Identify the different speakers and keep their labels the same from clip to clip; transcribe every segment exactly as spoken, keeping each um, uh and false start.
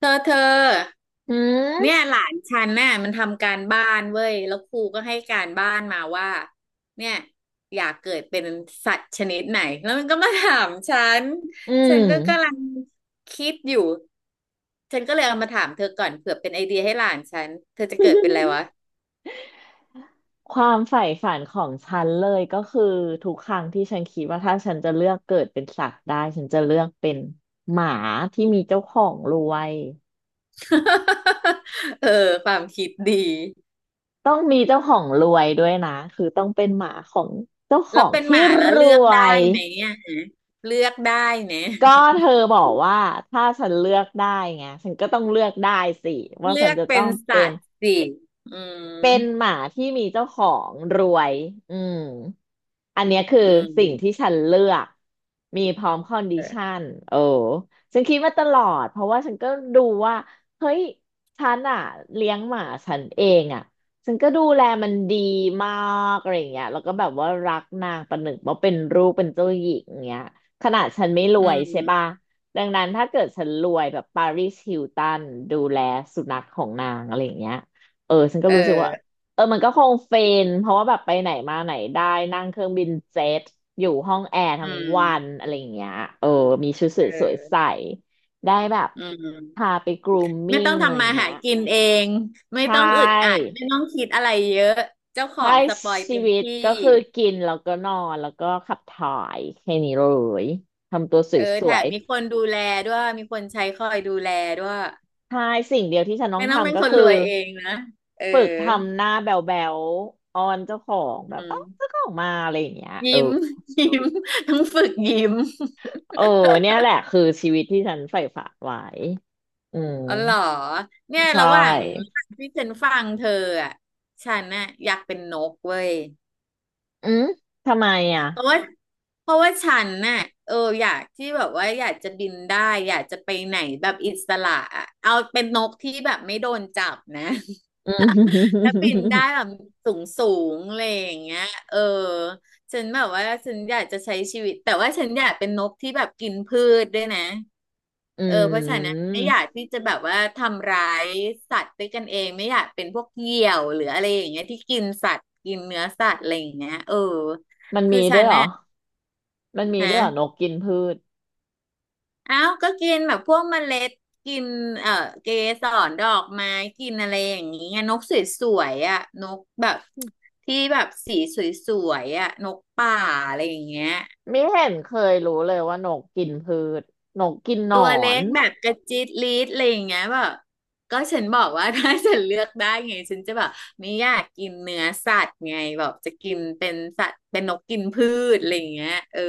Speaker 1: เธอเธอ
Speaker 2: อื
Speaker 1: เนี่ย
Speaker 2: ม
Speaker 1: หลานฉันน่ะมันทำการบ้านเว้ยแล้วครูก็ให้การบ้านมาว่าเนี่ยอยากเกิดเป็นสัตว์ชนิดไหนแล้วมันก็มาถามฉัน
Speaker 2: อื
Speaker 1: ฉัน
Speaker 2: ม
Speaker 1: ก็กำลังคิดอยู่ฉันก็เลยเอามาถามเธอก่อนเผื่อเป็นไอเดียให้หลานฉันเธอจะเกิดเป็นอะไรวะ
Speaker 2: ความใฝ่ฝันของฉันเลยก็คือทุกครั้งที่ฉันคิดว่าถ้าฉันจะเลือกเกิดเป็นสัตว์ได้ฉันจะเลือกเป็นหมาที่มีเจ้าของรวย
Speaker 1: เออความคิดดี
Speaker 2: ต้องมีเจ้าของรวยด้วยนะคือต้องเป็นหมาของเจ้าข
Speaker 1: แล้
Speaker 2: อ
Speaker 1: ว
Speaker 2: ง
Speaker 1: เป็นห
Speaker 2: ที่
Speaker 1: มาแล้ว
Speaker 2: ร
Speaker 1: เลือก
Speaker 2: ว
Speaker 1: ได้
Speaker 2: ย
Speaker 1: ไหมเนี่ยเลือกได้เนี่ย
Speaker 2: ก็ เธอบอกว่าถ้าฉันเลือกได้ไงฉันก็ต้องเลือกได้สิว่า
Speaker 1: เลื
Speaker 2: ฉั
Speaker 1: อ
Speaker 2: น
Speaker 1: ก
Speaker 2: จะ
Speaker 1: เป็
Speaker 2: ต้อ
Speaker 1: น
Speaker 2: งเป็
Speaker 1: สัต
Speaker 2: น
Speaker 1: ว์สิอืม
Speaker 2: เป็นหมาที่มีเจ้าของรวยอืมอันเนี้ยคือ
Speaker 1: อืม
Speaker 2: สิ่งที่ฉันเลือก มีพร้อมคอนดิ
Speaker 1: เอ
Speaker 2: ชั
Speaker 1: อ
Speaker 2: นโอ้ฉันคิดมาตลอดเพราะว่าฉันก็ดูว่า เฮ้ยฉันอะเลี้ยงหมาฉันเองอะฉันก็ดูแลมันดีมากอะไรอย่างเงี้ยแล้วก็แบบว่ารักนางประหนึ่งว่าเป็นลูกเป็นเจ้าหญิงอย่างเงี้ยขนาดฉันไม่ร
Speaker 1: อื
Speaker 2: วยใช่ปะ
Speaker 1: ม
Speaker 2: ดังนั้นถ้าเกิดฉันรวยแบบปาริสฮิลตันดูแลสุนัขของนางอะไรอย่างเงี้ย เออฉันก็
Speaker 1: เอ
Speaker 2: รู้สึกว่า
Speaker 1: อ
Speaker 2: เออมันก็คงเฟนเพราะว่าแบบไปไหนมาไหนได้นั่งเครื่องบินเจ็ตอยู่ห้องแอร์
Speaker 1: อื
Speaker 2: ทั้งวัน
Speaker 1: ม
Speaker 2: อะไรอย่างเงี้ยเออมีชุดส
Speaker 1: เ
Speaker 2: วยสวย
Speaker 1: ออ
Speaker 2: ใส่ได้แบบ
Speaker 1: อืม
Speaker 2: พาไปกรูม
Speaker 1: ไม่
Speaker 2: มิ่
Speaker 1: ต้อ
Speaker 2: ง
Speaker 1: ง
Speaker 2: อะไร
Speaker 1: ทำ
Speaker 2: อ
Speaker 1: มา
Speaker 2: ย่างเงี้
Speaker 1: หา
Speaker 2: ย
Speaker 1: กินเอง ไม่
Speaker 2: ใช
Speaker 1: ต้องอึดอัด
Speaker 2: ่
Speaker 1: ไม่ต้องคิดอะไรเยอะเจ้าขอ
Speaker 2: ใช้
Speaker 1: งสปอย
Speaker 2: ชี
Speaker 1: เต็ม
Speaker 2: วิต
Speaker 1: ที่
Speaker 2: ก็คือกินแล้วก็นอนแล้วก็ขับถ่ายแค่นี้เลยทำตัว
Speaker 1: เออ
Speaker 2: ส
Speaker 1: แถ
Speaker 2: ว
Speaker 1: ม
Speaker 2: ย
Speaker 1: มีคนดูแลด้วย มีคนใช้คอยดูแลด้วย
Speaker 2: ๆใช่สิ่งเดียวที่ฉันต้อ
Speaker 1: ไม่
Speaker 2: ง
Speaker 1: ต้องเป็น
Speaker 2: ทำก็
Speaker 1: คนร
Speaker 2: คือ
Speaker 1: วยเองนะเออ
Speaker 2: ฝึกทำหน้าแบ๋วๆอ้อนเจ้าของแบ
Speaker 1: อื
Speaker 2: บเอ้า
Speaker 1: ม
Speaker 2: เจ้าของมาอะไรอย่างเงี้ยเออ
Speaker 1: ยิ้ม ยิ้มต้องฝึกยิ้ม
Speaker 2: เออเนี่ยแหละคือชีวิตที่ฉันใฝ่ฝันไว้อืม
Speaker 1: อ๋อเหรอเนี่ย
Speaker 2: ใช
Speaker 1: ระหว่าง
Speaker 2: ่
Speaker 1: ระหว่างที่ฉันฟังเธออ่ะฉันน่ะอยากเป็นนกเว้ย
Speaker 2: อืมทำไมอ่ะ
Speaker 1: เพราะว่าเพราะว่าฉันน่ะเอออยากที่แบบว่าอยากจะบินได้อยากจะไปไหนแบบอิสระอะเอาเป็นนกที่แบบไม่โดนจับนะ
Speaker 2: อืม
Speaker 1: ถ้าบินได้ แบบสูงสูงอะไรอย่างเงี้ยเออฉันแบบว่าฉันอยากจะใช้ชีวิตแต่ว่าฉันอยากเป็นนกที่แบบกินพืชด้วยนะ
Speaker 2: อื
Speaker 1: เออเพราะฉันั้นะ
Speaker 2: ม
Speaker 1: ไม่อยากที่จะแบบว่าทำร้ายสัตว์ด้วยกันเองไม่อยากเป็นพวกเหยี่ยวหรืออะไรอย่างเงี้ยที่กินสัตว์กินเนื้อสัตว์อะไรอย่างเงี้ยเออ
Speaker 2: มัน
Speaker 1: คื
Speaker 2: มี
Speaker 1: อฉั
Speaker 2: ด้วย
Speaker 1: น
Speaker 2: เหรอ
Speaker 1: น่ะ
Speaker 2: มันมี
Speaker 1: ฮะ
Speaker 2: ด้วยเหรอนกกินพืช
Speaker 1: เอ้าก็กินแบบพวกเมล็ด กิน เอ่อเกสรดอกไม้ กินอะไรอย่างนี้ไงนกสวยๆอ่ะนกแบบที่แบบสีสวยๆอ่ะนกป่าอะไรอย่างเงี้ย
Speaker 2: ไม่เห็นเคยรู้เลยว่านกกินพืชนกกินหน
Speaker 1: ตัว
Speaker 2: อ
Speaker 1: เล็
Speaker 2: น
Speaker 1: กแบบกระจิตลีดอะไรอย่างเงี้ยแบบก็ฉันบอกว่า ถ้าฉันเลือกได้ไงฉันจะแบบไม่อยากกินเนื้อสัตว์ไงแบบจะกินเป็นสัตว์เป็นนกกินพืชอะไรอย่างเงี้ยเออ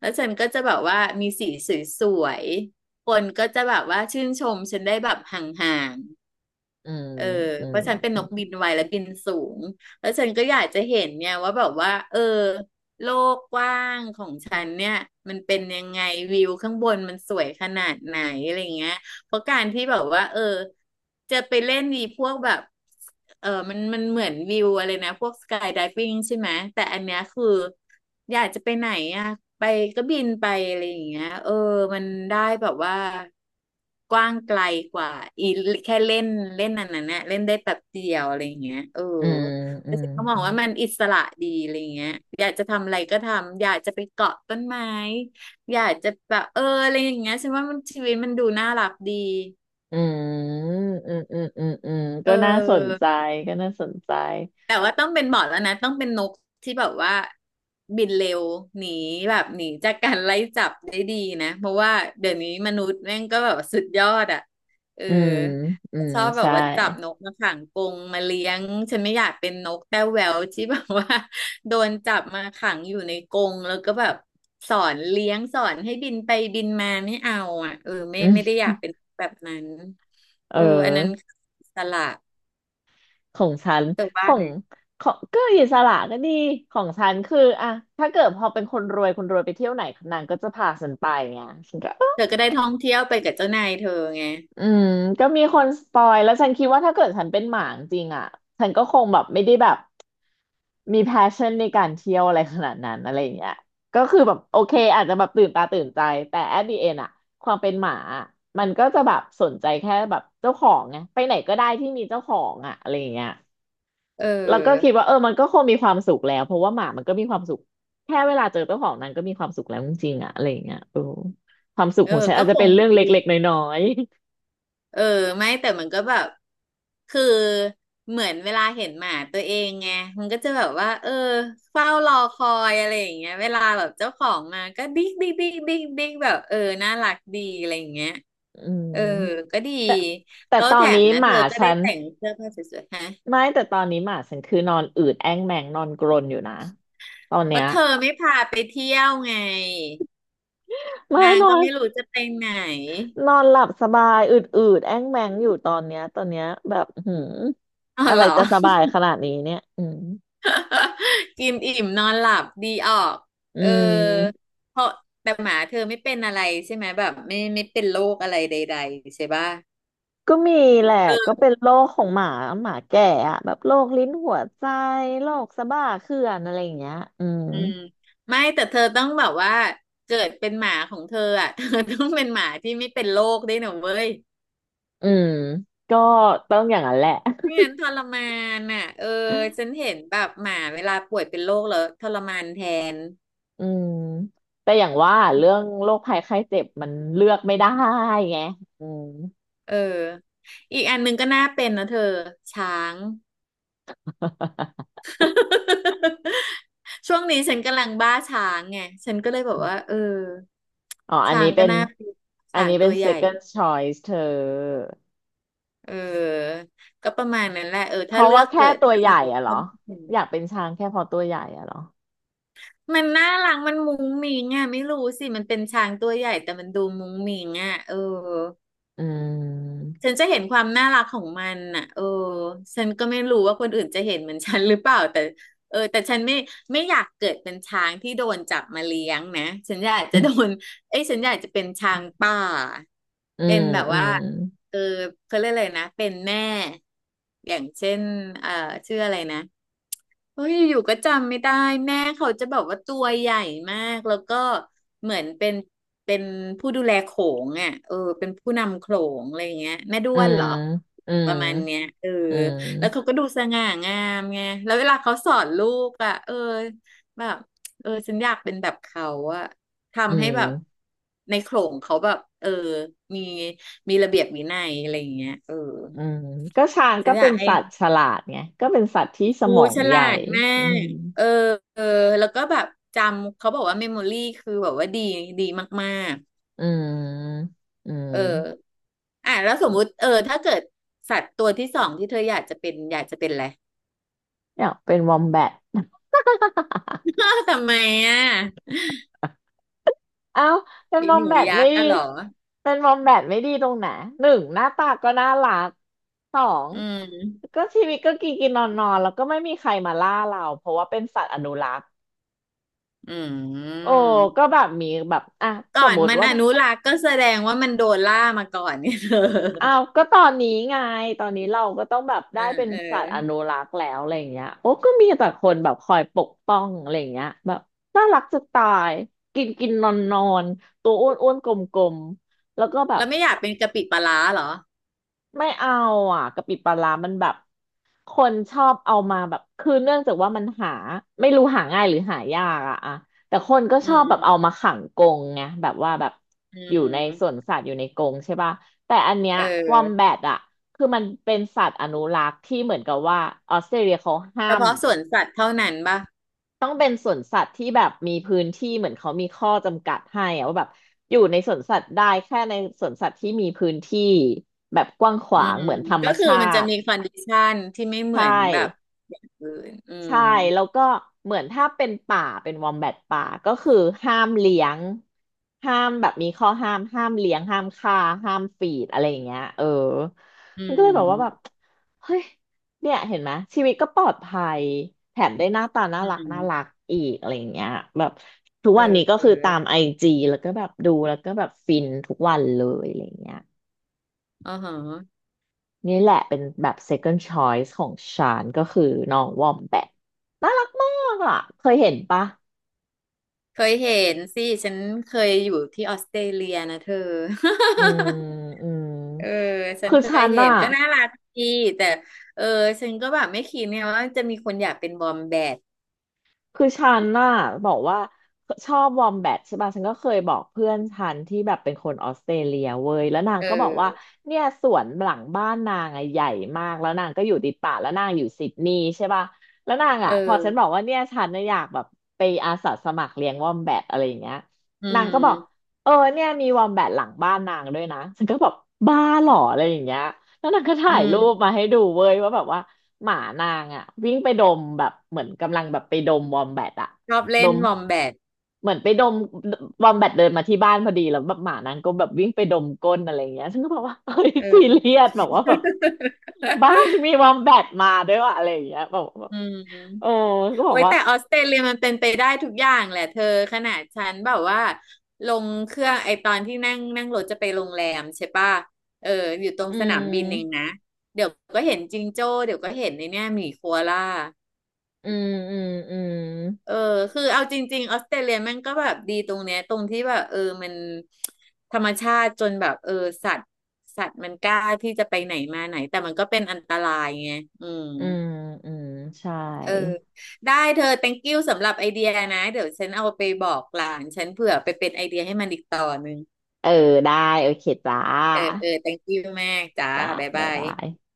Speaker 1: แล้วฉันก็จะแบบว่ามีสีสวยๆคนก็จะแบบว่าชื่นชมฉันได้แบบห่างๆ
Speaker 2: อืม
Speaker 1: เออ
Speaker 2: อื
Speaker 1: เพ
Speaker 2: ม
Speaker 1: ราะฉันเป็นนกบินไวและบินสูงแล้วฉันก็อยากจะเห็นเนี่ยว่าแบบว่าเออโลกกว้างของฉันเนี่ยมันเป็นยังไงวิวข้างบนมันสวยขนาดไหนอะไรเงี้ยเพราะการที่แบบว่าเออจะไปเล่นนีพวกแบบ เออมันมันเหมือนวิวอะไรนะพวกสกายไดวิ่งใช่ไหม แต่อันเนี้ยคืออยากจะไปไหนอ่ะไปก็บินไปอะไรอย่างเงี้ยเออมันได้แบบว่ากว้างไกลกว่าอีแค่เล่นเล่นอันนั้นเนี่ยเล่นได้แป๊บเดียวอะไรอย่างเงี้ยเออ
Speaker 2: อืมอื
Speaker 1: แล้ว
Speaker 2: ม
Speaker 1: ฉันก็มองว่ามันอิสระดีอะไรอย่างเงี้ยอยากจะทำอะไรก็ทำอยากจะไปเกาะต้นไม้อยากจะแบบเอออะไรอย่างเงี้ยฉันว่ามันชีวิตมันดูน่ารักดี
Speaker 2: อืมอืมอืมอืมอืม
Speaker 1: เอ
Speaker 2: ก็
Speaker 1: อ
Speaker 2: น่าสนใจก็น่าสนใจ
Speaker 1: แต่ว่าต้องเป็นหมอร์ดแล้วนะต้องเป็นนกที่แบบว่าบินเร็วหนีแบบหนีจากการไล่จับได้ดีนะเพราะว่าเดี๋ยวนี้มนุษย์แม่งก็แบบสุดยอดอ่ะเออ
Speaker 2: อืมอืม
Speaker 1: ชอบแบบ
Speaker 2: ใช่
Speaker 1: ว่าจับนกมาขังกรงมาเลี้ยงฉันไม่อยากเป็นนกแต้วแหววที่แบบว่า โดนจับมาขังอยู่ในกรงแล้วก็แบบสอนเลี้ยงสอนให้บินไปบินมาไม่เอาอ่ะเออไม่
Speaker 2: อืม
Speaker 1: ไม่ได้อยากเป็นแบบนั้น
Speaker 2: เอ
Speaker 1: เอออันนั้น
Speaker 2: อ
Speaker 1: อิสละ
Speaker 2: ของฉัน
Speaker 1: เธอ
Speaker 2: ข
Speaker 1: ว่า
Speaker 2: อ
Speaker 1: ไง
Speaker 2: งของก็อิสระก็ดีของฉันคืออะถ้าเกิดพอเป็นคนรวยคนรวยไปเที่ยวไหนนางก็จะพาฉันไปไงฉันก็
Speaker 1: เธ
Speaker 2: อ
Speaker 1: อก็ได้ท่องเที่ยวไปกับเจ้านายเธอไง
Speaker 2: ืมก็มีคนสปอยแล้วฉันคิดว่าถ้าเกิดฉันเป็นหมาจริงๆอะฉันก็คงแบบไม่ได้แบบมี แพชชั่น ในการเที่ยวอะไรขนาดนั้นอะไรอย่างเงี้ยก็คือแบบโอเคอาจจะแบบตื่นตาตื่นใจแต่ แอท เดอะ เอนด์ อะความเป็นหมาอะมันก็จะแบบสนใจแค่แบบเจ้าของไงไปไหนก็ได้ที่มีเจ้าของอะอะไรอย่างเงี้ย
Speaker 1: เ
Speaker 2: แล้วก็คิด
Speaker 1: ออ
Speaker 2: ว่าเออมันก็คงมีความสุขแล้วเพราะว่าหมามันก็มีความสุขแค่เวลาเจอเจ้าของนั้นก็มีความสุขแล้วจริงๆอะอะไรอย่างเงี้ยเออความสุข
Speaker 1: เอ
Speaker 2: ข
Speaker 1: อ
Speaker 2: องฉัน
Speaker 1: ก็
Speaker 2: อาจ
Speaker 1: ค
Speaker 2: จะเป็
Speaker 1: ง
Speaker 2: นเรื่อง
Speaker 1: จริ
Speaker 2: เล็กๆ
Speaker 1: ง
Speaker 2: น้อย
Speaker 1: เออไม่แต่มันก็แบบ คือเหมือนเวลาเห็นหมาตัวเองไงมันก็จะแบบว่าเออเฝ้ารอคอยอะไรอย่างเงี้ยเวลาแบบเจ้าของมาก็บิ๊กบิ๊กบิ๊กบิ๊กบิ๊กแบบเออน่ารักดีอะไรอย่างเงี้ย
Speaker 2: ๆ อืม
Speaker 1: เออก็ดี
Speaker 2: แต่แต่
Speaker 1: แล้ว
Speaker 2: ตอ
Speaker 1: แถ
Speaker 2: นนี้
Speaker 1: มนะ
Speaker 2: ห
Speaker 1: เธ
Speaker 2: มา
Speaker 1: อก็
Speaker 2: ฉั
Speaker 1: ได้
Speaker 2: น
Speaker 1: แต่งเสื้อผ้าสวยๆฮะ
Speaker 2: ไม่แต่ตอนนี้หมาฉันคือนอนอืดแอ้งแมงนอนกรนอยู่นะตอน
Speaker 1: เพ
Speaker 2: เนี้
Speaker 1: ราะ
Speaker 2: ย
Speaker 1: เธอไม่พาไปเที่ยวไง
Speaker 2: ไม่
Speaker 1: นาง
Speaker 2: นอ
Speaker 1: ก็
Speaker 2: น
Speaker 1: ไม่รู้จะไปไหน
Speaker 2: นอนหลับสบายอืดอืดแอ้งแมงอยู่ตอนเนี้ยตอนเนี้ยแบบหืม
Speaker 1: อ๋อ
Speaker 2: อะ
Speaker 1: เห
Speaker 2: ไร
Speaker 1: รอ
Speaker 2: จะสบายขนาดนี้เนี่ยอืม
Speaker 1: กินอิ่มนอนหลับดีออก
Speaker 2: อื
Speaker 1: เออ
Speaker 2: ม
Speaker 1: เพราะแต่หมาเธอไม่เป็นอะไรใช่ไหมแบบไม่ไม่เป็นโรคอะไรใดๆใช่ป่ะ
Speaker 2: ก็มีแหละก็เป็นโรคของหมาหมาแก่อะแบบโรคลิ้นหัวใจโรคสะบ้าเขื่อนอะไรอย่างเงี้ยอืม
Speaker 1: อืมไม่แต่เธอต้องแบบว่าเกิดเป็นหมาของเธออ่ะ เธอต้องเป็นหมาที่ไม่เป็นโรคด้วยนะเว้ย
Speaker 2: อืมก็ต้องอย่างนั้นแหละ
Speaker 1: ไม่งั้นทรมานอ่ะเออฉันเห็นแบบหมาเวลาป่วยเป็นโรคแล้วทรมานแทน
Speaker 2: อืมแต่อย่างว่าเรื่องโรคภัยไข้เจ็บมันเลือกไม่ได้ไงอืม
Speaker 1: เอออีกอันหนึงก็น่าเป็นนะเธอช้าง ช่วงนี้ฉันกำลังบ้าช้างไงฉันก็เลยแบบว่าเออ
Speaker 2: อ๋ออัน
Speaker 1: ช้า
Speaker 2: นี้
Speaker 1: งก็
Speaker 2: เป็น
Speaker 1: น่าเป็น
Speaker 2: อัน
Speaker 1: ช้าง
Speaker 2: นี้
Speaker 1: ตั
Speaker 2: เป็น
Speaker 1: วใหญ่
Speaker 2: เซคคั่น ชอยส์ เธอ
Speaker 1: เออก็ประมาณนั้นแหละเออ
Speaker 2: เพ
Speaker 1: ถ้า
Speaker 2: ราะ
Speaker 1: เลือ
Speaker 2: ว่า
Speaker 1: กเกิ
Speaker 2: แค่
Speaker 1: ด
Speaker 2: ตัว
Speaker 1: ได้
Speaker 2: ใหญ่อะ เหรอ
Speaker 1: ถ้า
Speaker 2: อยากเป็นช้างแค่เพราะตัวใหญ่อะเหรอ
Speaker 1: มันน่ารักมันมุ้งมิ้งอ่ะไม่รู้สิมันเป็นช้างตัวใหญ่แต่มันดูมุ้งมิ้งอ่ะเออ
Speaker 2: อืม
Speaker 1: ฉันจะเห็นความน่ารักของมันน่ะเออฉันก็ไม่รู้ว่าคนอื่นจะเห็นเหมือนฉันหรือเปล่าแต่เออแต่ฉันไม่ไม่อยากเกิดเป็นช้างที่โดนจับมาเลี้ยงนะฉันอยากจะโด นเอ้ยฉันอยากจะเป็นช้างป่า
Speaker 2: อื
Speaker 1: เป็
Speaker 2: ม
Speaker 1: นแบบ
Speaker 2: อื
Speaker 1: ว่า
Speaker 2: ม
Speaker 1: เออเขาเรียกอะไรนะเป็นแม่อย่างเช่นเอ่อชื่ออะไรนะโอ้ยอยู่ๆก็จำไม่ได้แม่เขาจะแบบว่าตัวใหญ่มากแล้วก็เหมือนเป็นเป็นผู้ดูแลโขงอ่ะเออเป็นผู้นำโขงอะไรอย่างเงี้ยแม่ด้
Speaker 2: อื
Speaker 1: วน
Speaker 2: ม
Speaker 1: เหรอ
Speaker 2: อื
Speaker 1: ป
Speaker 2: ม
Speaker 1: ระมาณเนี้ยเออ
Speaker 2: อื
Speaker 1: แล้วเขา
Speaker 2: ม
Speaker 1: ก็ดูสง่างามไงแล้วเวลาเขาสอนลูกอ่ะเออแบบเออฉันอยากเป็นแบบเขาอ่ะ
Speaker 2: อื
Speaker 1: ทำให้แบบ
Speaker 2: ม
Speaker 1: ในโขลงเขาแบบเออมีมีระเบียบวินัยอะไรอย่างเงี้ยเออ
Speaker 2: อืมก็ช้าง
Speaker 1: ฉั
Speaker 2: ก็
Speaker 1: นอ
Speaker 2: เป็
Speaker 1: ยาก
Speaker 2: น
Speaker 1: ให้
Speaker 2: สัตว์ฉลาดไงก็เป็นสัตว์ที่ส
Speaker 1: ครู
Speaker 2: มอง
Speaker 1: ฉ
Speaker 2: ให
Speaker 1: ลา
Speaker 2: ญ่
Speaker 1: ดมา
Speaker 2: อืม
Speaker 1: กเออเออแล้วก็แบบจำเขาบอกว่าเมมโมรี่คือแบบว่าดีดีมาก
Speaker 2: อืมอื
Speaker 1: ๆเออ
Speaker 2: ม
Speaker 1: อ่ะแล้วสมมุติเออถ้าเกิดสัตว์ตัวที่สองที่เธออยากจะเป็นอยากจะเป็นอะไร
Speaker 2: เนี่ยเป็นวอมแบท
Speaker 1: อ้าวทำไมอ่ะ
Speaker 2: เอ้าเป็น
Speaker 1: ไอ
Speaker 2: มอ
Speaker 1: ห
Speaker 2: ม
Speaker 1: นู
Speaker 2: แบท
Speaker 1: ยั
Speaker 2: ไม่
Speaker 1: กษ์
Speaker 2: ดี
Speaker 1: อะเหรอ
Speaker 2: เป็นมอมแบทไม่ดีตรงไหนหนึ่งหน้าตาก็น่ารักสอง
Speaker 1: อืม
Speaker 2: ก็ชีวิตก็กินกินนอนนอนแล้วก็ไม่มีใครมาล่าเราเพราะว่าเป็นสัตว์อนุรักษ์
Speaker 1: อื
Speaker 2: โอ้
Speaker 1: ม
Speaker 2: ก็แบบมีแบบอ่ะ
Speaker 1: ก่
Speaker 2: ส
Speaker 1: อ
Speaker 2: ม
Speaker 1: น
Speaker 2: มติ
Speaker 1: มัน
Speaker 2: ว่า
Speaker 1: อนุรักษ์ก็แสดงว่ามันโดนล่ามาก่อนเนี่ยเธอ
Speaker 2: อ้าวก็ตอนนี้ไงตอนนี้เราก็ต้องแบบ
Speaker 1: เอ
Speaker 2: ได้
Speaker 1: อ
Speaker 2: เป็น
Speaker 1: เออ
Speaker 2: สัตว์อนุรักษ์แล้วอะไรอย่างเงี้ยโอ้ก็มีแต่คนแบบคอยปกป้องอะไรอย่างเงี้ยแบบน่ารักจะตายกินกินนอนนอนตัวอ้วนอ้วนกลมกลมๆแล้วก็แบบ
Speaker 1: แล้วไม่อยากเป็นกะปิปลาร้าเหรอ
Speaker 2: ไม่เอาอ่ะกะปิปลาร้ามันแบบ คนชอบเอามาแบบคือเนื่องจากว่ามันหาไม่รู้หาง่ายหรือหายากอะอะแต่คนก็
Speaker 1: อื
Speaker 2: ชอบแบบเอา
Speaker 1: ม
Speaker 2: มาขังกรงไงแบบว่าแบบ
Speaker 1: อื
Speaker 2: อยู่ในสวน
Speaker 1: ม
Speaker 2: สัตว์อยู่ในกรงใช่ป่ะแต่อันเนี้ย
Speaker 1: เอ
Speaker 2: วอมแบ
Speaker 1: อ
Speaker 2: ทอะคือมันเป็นสัตว์อนุรักษ์ที่เหมือนกับว่าออสเตรเลียเขาห้า
Speaker 1: เฉ
Speaker 2: ม
Speaker 1: พาะสวนสัตว์เท่านั้นป่ะ
Speaker 2: ต้องเป็นสวนสัตว์ที่แบบมีพื้นที่เหมือนเขามีข้อจำกัดให้อะว่าแบบอยู่ในสวนสัตว์ได้แค่ในสวนสัตว์ที่มีพื้นที่แบบกว้างข
Speaker 1: อื
Speaker 2: วาง
Speaker 1: ม
Speaker 2: เหมือนธรรม
Speaker 1: ก็คือ
Speaker 2: ชา
Speaker 1: มันจะ
Speaker 2: ติ
Speaker 1: มีคอนดิชันที่ไม่เหมื
Speaker 2: ใช่
Speaker 1: อนแบบอย่างอื่นอืม
Speaker 2: ใช่แล้วก็เหมือนถ้าเป็นป่าเป็นวอมแบทป่าก็คือห้ามเลี้ยงห้ามแบบมีข้อห้ามห้ามเลี้ยงห้ามฆ่าห้ามฟีดอะไรอย่างเงี้ยเออ
Speaker 1: อื
Speaker 2: มันก็เลยแบบว่าแบบ
Speaker 1: ม
Speaker 2: เฮ้ยเนี่ยเห็นไหมชีวิตก็ปลอดภัยแถมได้หน้าตาน่า
Speaker 1: อื
Speaker 2: รักน่า
Speaker 1: ม
Speaker 2: รักอีกอะไรอย่างเงี้ยแบบทุกวันนี้ก็
Speaker 1: เอ
Speaker 2: คือ
Speaker 1: อ
Speaker 2: ตามไอ
Speaker 1: อ
Speaker 2: จีแล้วก็แบบดูแล้วก็แบบฟินทุกวันเลยอะไรอย่างเงี้ย
Speaker 1: อ๋อฮะ
Speaker 2: นี่แหละเป็นแบบ เซคเคินด์ ช้อยส์ ของฉันก็คือน้องวอมแบทน่ารักมากอ่ะเคยเห็นปะ
Speaker 1: เคยเห็นสิฉันเคยอยู่ที่ออสเตรเลียนะเธอ
Speaker 2: อื มอืม
Speaker 1: เออฉัน
Speaker 2: คือ
Speaker 1: เค
Speaker 2: ฉั
Speaker 1: ย
Speaker 2: น
Speaker 1: เห็
Speaker 2: อ่ะ
Speaker 1: นก็น่ารักดีแต่เออฉันก็แบบไม่คิดเนี่ยว่าจะมีคนอยากเป็นบอมแบด
Speaker 2: คือฉันน่ะบอกว่าชอบวอมแบทใช่ป่ะฉันก็เคยบอกเพื่อนฉันที่แบบเป็นคนออสเตรเลียเว้ยแล้วนาง
Speaker 1: เ
Speaker 2: ก็บอกว่า
Speaker 1: ออ
Speaker 2: เนี่ยสวนหลังบ้านนางอะใหญ่มาก แล้วนางก็อยู่ติดป่าแล้วนางอยู่ซิดนีย์ใช่ป่ะแล้วนาง
Speaker 1: เอ
Speaker 2: อะพอฉันบอก
Speaker 1: อ
Speaker 2: ว่าเนี่ยฉันน่ะอยากแบบไปอาสาสมัครเลี้ยงวอมแบทอะไรอย่างเงี้ย
Speaker 1: อื
Speaker 2: นางก็บอก
Speaker 1: ม
Speaker 2: เออเนี่ยมีวอมแบทหลังบ้านนางด้วยนะฉันก็บอกบ้าเหรออะไรอย่างเงี้ย แล้วนางก็
Speaker 1: อื
Speaker 2: ถ่ายรูป
Speaker 1: ม
Speaker 2: มาให้ดูเว้ยว่าแบบว่าหมานางอ่ะวิ่งไปดมแบบเหมือนกำลังแบบไปดมวอมแบทอะ
Speaker 1: ชอบ
Speaker 2: ด
Speaker 1: เล่น
Speaker 2: ม
Speaker 1: วอมแบด
Speaker 2: เหมือนไปดมวอมแบทเดินมาที่บ้านพอดีแล้วแบบหมานางก็แบบวิ่งไปดมก้นอะไรอย่างเงี้ยฉันก็บอกว่าเฮ้ย
Speaker 1: เอ
Speaker 2: ซี
Speaker 1: อ
Speaker 2: เรียสแบบว่าแบบบ้านมี วอมแบทมาด้วยวะอะไรอย่างเงี้ยแบบแบบ
Speaker 1: อื
Speaker 2: โอ้
Speaker 1: ม
Speaker 2: ก็บ
Speaker 1: โอ้
Speaker 2: อก
Speaker 1: ย
Speaker 2: ว่า
Speaker 1: แต่ออสเตรเลียมันเป็นไปได้ทุกอย่างแหละเธอขนาดฉันแบบว่าลงเครื่องไอตอนที่นั่งนั่งรถจะไปโรงแรมใช่ป่ะเอออยู่ตรง
Speaker 2: อื
Speaker 1: สนามบินเอง
Speaker 2: ม
Speaker 1: นะเดี๋ยวก็เห็นจิงโจ้เดี๋ยวก็เห็นในเนี่ยหมีโคอาล่า
Speaker 2: อืมอืมอืม
Speaker 1: เออคือเอาจริงๆออสเตรเลียมันก็แบบดีตรงเนี้ยตรงที่แบบเออมันธรรมชาติจนแบบเออสัตว์สัตว์มันกล้าที่จะไปไหนมาไหนแต่มันก็เป็นอันตรายไงอืม
Speaker 2: อืมอืมใช่
Speaker 1: เออได้เธอ thank you สำหรับไอเดียนะเดี๋ยวฉันเอาไปบอกหลานฉันเผื่อไปเป็นไอเดียให้มันอีกต่อหนึ่ง
Speaker 2: เออได้โอเคจ้า
Speaker 1: เออเออ thank you มากจ้า
Speaker 2: จ้า
Speaker 1: บ๊าย
Speaker 2: บ๊า
Speaker 1: บา
Speaker 2: ยบา
Speaker 1: ย
Speaker 2: ย